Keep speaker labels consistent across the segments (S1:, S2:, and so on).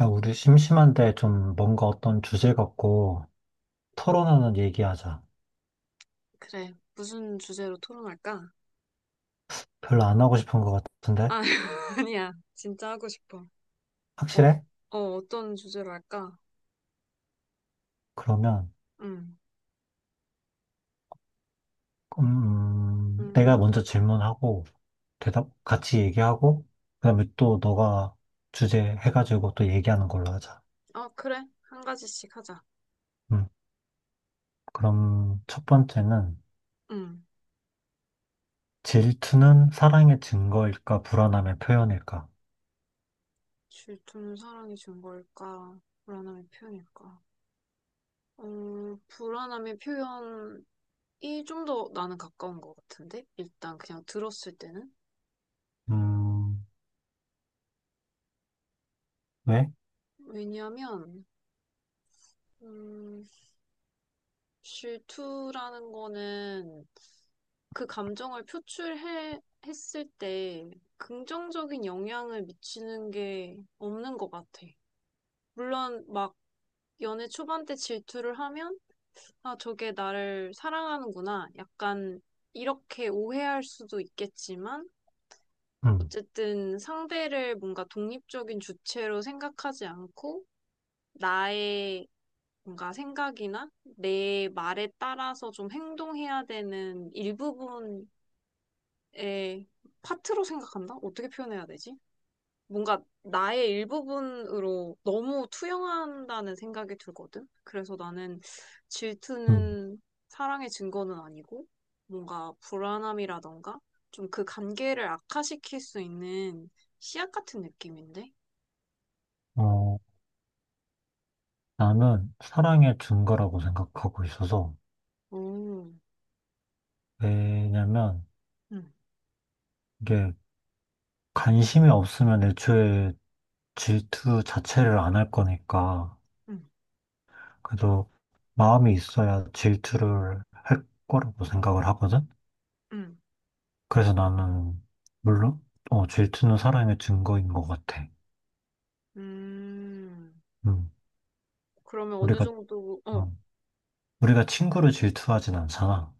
S1: 야, 우리 심심한데 좀 뭔가 어떤 주제 갖고 토론하는 얘기하자.
S2: 그래. 무슨 주제로 토론할까?
S1: 별로 안 하고 싶은 것 같은데?
S2: 아, 아니야. 진짜 하고 싶어. 어,
S1: 확실해?
S2: 어떤 주제로 할까?
S1: 그러면,
S2: 음,
S1: 내가
S2: 음,
S1: 먼저 질문하고, 대답, 같이 얘기하고, 그다음에 또 너가 주제 해가지고 또 얘기하는 걸로 하자.
S2: 어, 그래. 한 가지씩 하자.
S1: 음, 그럼 첫 번째는,
S2: 음,
S1: 질투는 사랑의 증거일까, 불안함의 표현일까?
S2: 질투는 사랑이 준 걸까? 불안함의 표현일까? 불안함의 표현이 좀 더 나는 가까운 것 같은데? 일단 그냥 들었을 때는?
S1: 음, 왜?
S2: 왜냐면, 음, 질투라는 거는 그 감정을 표출해 했을 때 긍정적인 영향을 미치는 게 없는 것 같아. 물론 막 연애 초반 때 질투를 하면 아 저게 나를 사랑하는구나 약간 이렇게 오해할 수도 있겠지만
S1: 음,
S2: 어쨌든 상대를 뭔가 독립적인 주체로 생각하지 않고 나의 뭔가 생각이나 내 말에 따라서 좀 행동해야 되는 일부분 에 파트로 생각한다? 어떻게 표현해야 되지? 뭔가 나의 일부분으로 너무 투영한다는 생각이 들거든. 그래서 나는
S1: 음,
S2: 질투는 사랑의 증거는 아니고 뭔가 불안함이라던가 좀 그 관계를 악화시킬 수 있는 씨앗 같은 느낌인데?
S1: 어, 나는 사랑의 증거라고 생각하고 있어서,
S2: 오,
S1: 왜냐면
S2: 응,
S1: 이게 관심이 없으면 애초에 질투 자체를 안 할 거니까
S2: 응,
S1: 그래도 마음이 있어야 질투를 할 거라고 생각을 하거든.
S2: 응,
S1: 그래서 나는 물론 질투는 사랑의 증거인 것 같아.
S2: 음.
S1: 음,
S2: 그러면 어느
S1: 우리가
S2: 정도,
S1: 어, 우리가 친구를 질투하진 않잖아.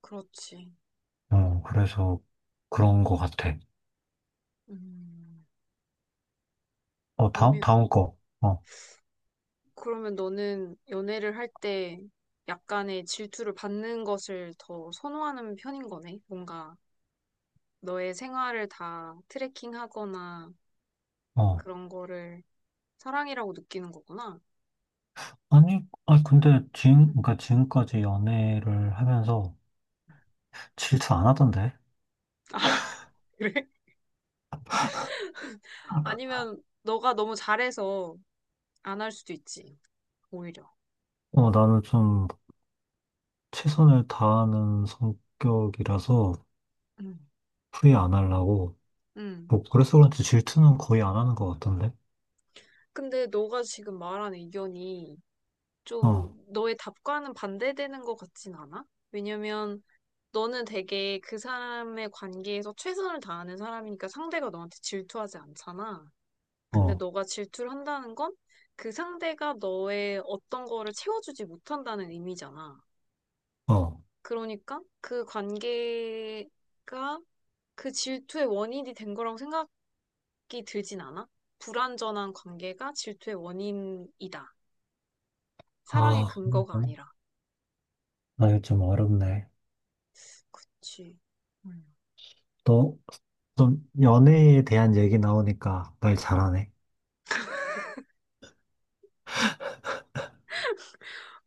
S2: 그렇지. 음,
S1: 그래서 그런 것 같아.
S2: 음.
S1: 다음
S2: 그러면
S1: 다음 거. 어,
S2: 그러면 너는 연애를 할 때 약간의 질투를 받는 것을 더 선호하는 편인 거네? 뭔가 너의 생활을 다 트래킹하거나
S1: 어.
S2: 그런 거를 사랑이라고 느끼는 거구나.
S1: 아니, 아니 근데 지금
S2: 응.
S1: 그러니까 지금까지 연애를 하면서 질투 안 하던데.
S2: 아, 그래? 아니면 너가 너무 잘해서 안 할 수도 있지, 오히려.
S1: 나는 좀 최선을 다하는 성격이라서
S2: 응.
S1: 후회 안 하려고.
S2: 응.
S1: 뭐, 그래서 그런지 질투는 거의 안 하는 것 같던데?
S2: 근데 너가 지금 말한 의견이 좀
S1: 어,
S2: 너의 답과는 반대되는 것 같진 않아? 왜냐면 너는 되게 그 사람의 관계에서 최선을 다하는 사람이니까 상대가 너한테 질투하지 않잖아. 근데
S1: 어,
S2: 너가 질투를 한다는 건 그 상대가 너의 어떤 거를 채워주지 못한다는 의미잖아.
S1: 어.
S2: 그러니까 그 관계가 그 질투의 원인이 된 거라고 생각 이 들진 않아? 불완전한 관계가 질투의 원인이다. 사랑의
S1: 아,
S2: 근거가 아니라.
S1: 나 이거 좀 어렵네.
S2: 그치.
S1: 너 좀 연애에 대한 얘기 나오니까 말 잘하네.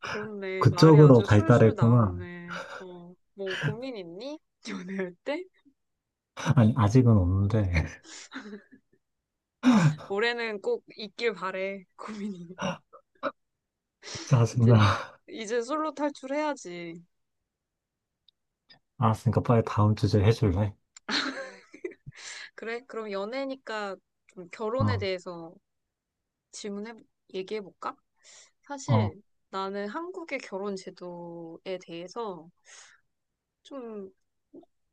S2: 그렇네. 말이
S1: 그쪽으로
S2: 아주 술술
S1: 발달했구나.
S2: 나오네. 어, 뭐 고민 있니? 연애할 때?
S1: 아니, 아직은 없는데.
S2: 올해는 꼭 있길 바래. 고민이. 이제
S1: 짜증나.
S2: 이제 솔로 탈출해야지.
S1: 알았으니까 빨리 다음 주제 해줄래?
S2: 그래? 그럼 연애니까 좀 결혼에
S1: 어,
S2: 대해서 질문해 얘기해 볼까?
S1: 어,
S2: 사실 나는 한국의 결혼 제도에 대해서 좀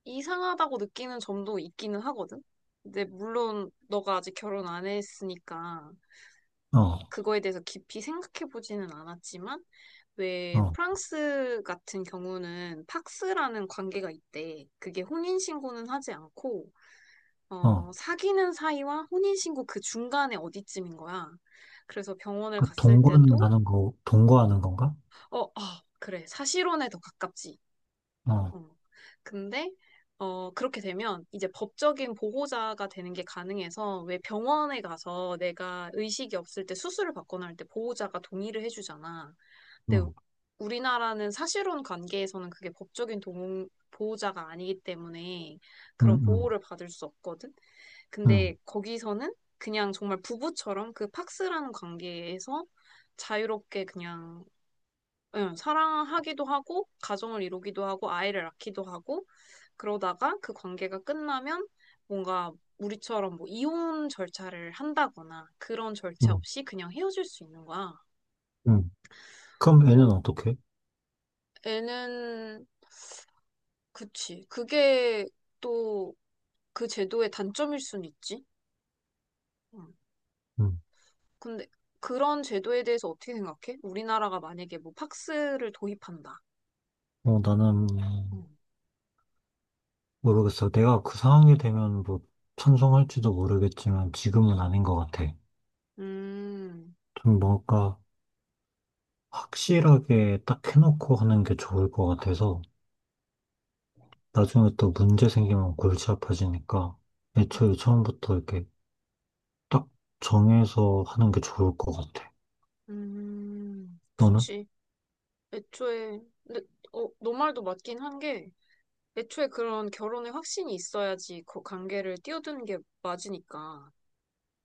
S2: 이상하다고 느끼는 점도 있기는 하거든. 근데 물론 너가 아직 결혼 안 했으니까
S1: 어,
S2: 그거에 대해서 깊이 생각해 보지는 않았지만 왜
S1: 어,
S2: 프랑스 같은 경우는 팍스라는 관계가 있대. 그게 혼인 신고는 하지 않고
S1: 어.
S2: 사귀는 사이와 혼인 신고 그 중간에 어디쯤인 거야. 그래서 병원을
S1: 그
S2: 갔을
S1: 동거는
S2: 때도
S1: 하는 거, 동거하는 건가?
S2: 어, 어 그래. 사실혼에 더 가깝지.
S1: 어.
S2: 어. 근데 그렇게 되면 이제 법적인 보호자가 되는 게 가능해서 왜 병원에 가서 내가 의식이 없을 때 수술을 받거나 할 때 보호자가 동의를 해주잖아. 근데
S1: 응.
S2: 우리나라는 사실혼 관계에서는 그게 법적인 동, 보호자가 아니기 때문에 그런
S1: 음, 음,
S2: 보호를 받을 수 없거든. 근데
S1: 음,
S2: 거기서는 그냥 정말 부부처럼 그 팍스라는 관계에서 자유롭게 그냥 응, 사랑하기도 하고 가정을 이루기도 하고 아이를 낳기도 하고 그러다가 그 관계가 끝나면 뭔가 우리처럼 뭐 이혼 절차를 한다거나 그런 절차
S1: 음,
S2: 없이 그냥 헤어질 수 있는 거야.
S1: 음. 그럼 애는
S2: 어,
S1: 어떻게?
S2: 애는 그치. 그게 또 그 제도의 단점일 순 있지. 음.
S1: 음.
S2: 근데 그런 제도에 대해서 어떻게 생각해? 우리나라가 만약에 뭐 팍스를 도입한다.
S1: 나는
S2: 음,
S1: 모르겠어. 내가 그 상황이 되면 뭐 찬성할지도 모르겠지만 지금은 아닌 것 같아.
S2: 음,
S1: 좀 뭔가 확실하게 딱 해놓고 하는 게 좋을 것 같아서 나중에 또 문제 생기면 골치 아파지니까 애초에 처음부터 이렇게 딱 정해서 하는 게 좋을 것 같아. 너는?
S2: 그치. 애초에, 근데, 너 말도 맞긴 한 게, 애초에 그런 결혼의 확신이 있어야지 그 관계를 뛰어드는 게 맞으니까.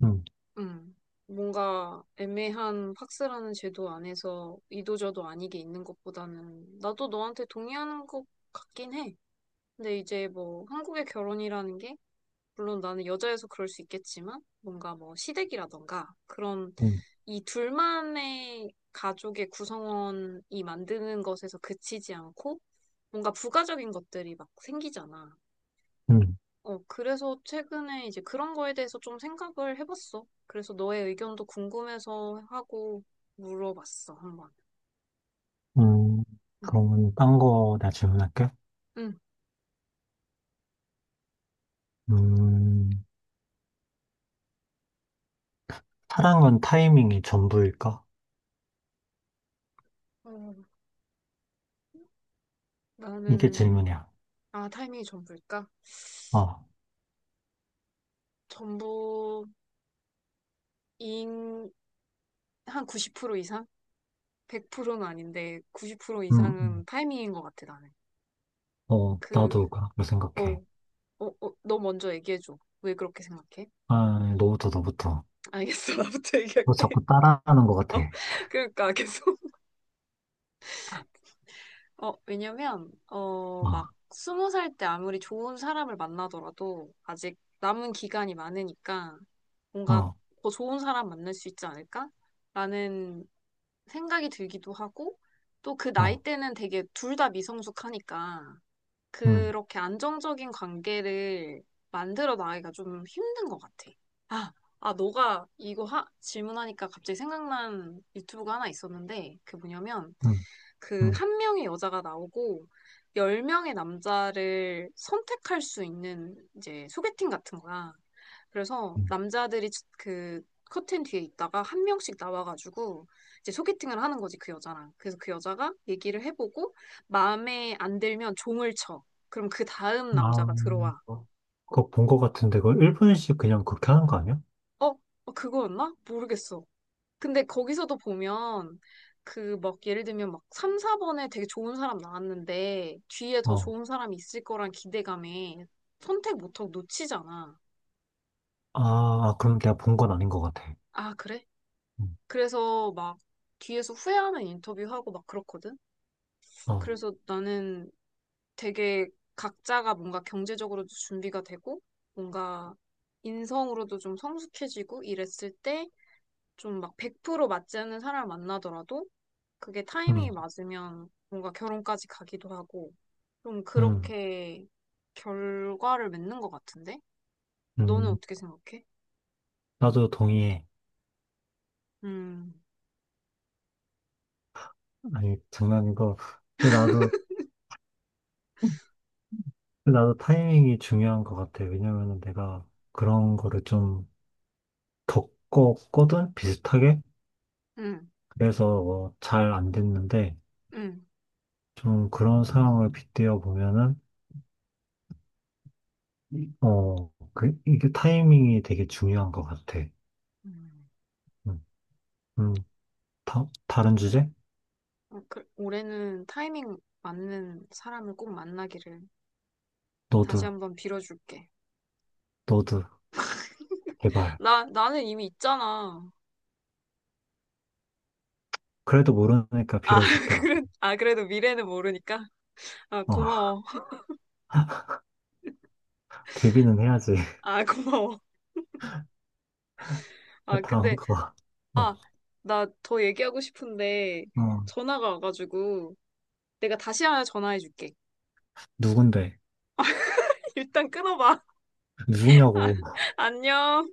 S1: 응,
S2: 음, 뭔가 애매한 팍스라는 제도 안에서 이도저도 아니게 있는 것보다는 나도 너한테 동의하는 것 같긴 해. 근데 이제 뭐 한국의 결혼이라는 게 물론 나는 여자여서 그럴 수 있겠지만 뭔가 뭐 시댁이라던가 그런
S1: 응,
S2: 이 둘만의 가족의 구성원이 만드는 것에서 그치지 않고 뭔가 부가적인 것들이 막 생기잖아.
S1: 응,
S2: 어, 그래서 최근에 이제 그런 거에 대해서 좀 생각을 해봤어. 그래서 너의 의견도 궁금해서 하고 물어봤어, 한번.
S1: 응.
S2: 응
S1: 그러면 딴 거 나 질문할게.
S2: 응.
S1: 음. 사랑은 타이밍이 전부일까?
S2: 어,
S1: 이게
S2: 나는,
S1: 질문이야.
S2: 타이밍이 전부일까?
S1: 어,
S2: 전부, 인, 한 90% 이상? 100%는 아닌데, 90%
S1: 음, 음.
S2: 이상은 타이밍인 것 같아, 나는.
S1: 어,
S2: 그,
S1: 나도 그렇게
S2: 어,
S1: 생각해.
S2: 너 먼저 얘기해줘. 왜 그렇게 생각해?
S1: 아, 너부터, 너부터.
S2: 알겠어, 나부터
S1: 너
S2: 얘기할게.
S1: 자꾸 따라하는 것 같아.
S2: 어, 그러니까, 계속. 왜냐면,
S1: 어,
S2: 20살 때 아무리 좋은 사람을 만나더라도, 아직 남은 기간이 많으니까, 뭔가
S1: 어,
S2: 더 좋은 사람 만날 수 있지 않을까? 라는 생각이 들기도 하고, 또 그 나이
S1: 어,
S2: 때는 되게 둘 다 미성숙하니까,
S1: 음,
S2: 그렇게 안정적인 관계를 만들어 나가기가 좀 힘든 것 같아. 아, 아, 너가 이거 질문하니까 갑자기 생각난 유튜브가 하나 있었는데, 그 뭐냐면,
S1: 음,
S2: 그
S1: 음,
S2: 한 명의 여자가 나오고, 열 명의 남자를 선택할 수 있는 이제 소개팅 같은 거야. 그래서
S1: 음.
S2: 남자들이 그 커튼 뒤에 있다가 한 명씩 나와가지고 이제 소개팅을 하는 거지, 그 여자랑. 그래서 그 여자가 얘기를 해보고 마음에 안 들면 종을 쳐. 그럼 그 다음
S1: 아,
S2: 남자가 들어와.
S1: 그거 본 것 같은데, 그걸 1분씩 그냥 그렇게 하는 거 아니야?
S2: 어? 그거였나? 모르겠어. 근데 거기서도 보면 그 막 예를 들면 막 3, 4번에 되게 좋은 사람 나왔는데 뒤에 더
S1: 어,
S2: 좋은 사람이 있을 거란 기대감에 선택 못하고 놓치잖아.
S1: 아, 아, 그럼 내가 본 건 아닌 것 같아.
S2: 아, 그래?
S1: 음,
S2: 그래서 막 뒤에서 후회하는 인터뷰하고 막 그렇거든?
S1: 어,
S2: 그래서 나는 되게 각자가 뭔가 경제적으로도 준비가 되고 뭔가 인성으로도 좀 성숙해지고 이랬을 때 좀 막 100% 맞지 않는 사람을 만나더라도 그게 타이밍이
S1: 음,
S2: 맞으면 뭔가 결혼까지 가기도 하고 좀
S1: 음,
S2: 그렇게 결과를 맺는 것 같은데? 너는
S1: 음.
S2: 어떻게 생각해?
S1: 나도 동의해.
S2: 음,
S1: 아니, 장난이고. 근데 나도 타이밍이 중요한 것 같아. 왜냐면은 내가 그런 거를 좀 겪었거든? 비슷하게?
S2: 음,
S1: 그래서 잘안 됐는데,
S2: 음.
S1: 좀 그런 상황을 빗대어 보면은, 이게 타이밍이 되게 중요한 것 같아.
S2: 음.
S1: 음, 음, 다른 주제?
S2: 그, 올해는 타이밍 맞는 사람을 꼭 만나기를 다시
S1: 너도,
S2: 한번 빌어줄게.
S1: 너도, 제발.
S2: 나는 이미 있잖아.
S1: 그래도 모르니까
S2: 아,
S1: 빌어줄게, 나.
S2: 그래, 아, 그래도 미래는 모르니까. 아,
S1: 어,
S2: 고마워.
S1: 데뷔는 해야지.
S2: 아, 고마워. 아,
S1: 다음
S2: 근데
S1: 거. 어,
S2: 아, 나 더 얘기하고 싶은데
S1: 어,
S2: 전화가 와가지고 내가 다시 하나 전화해 줄게.
S1: 누군데?
S2: 일단 끊어봐.
S1: 누구냐고.
S2: 안녕.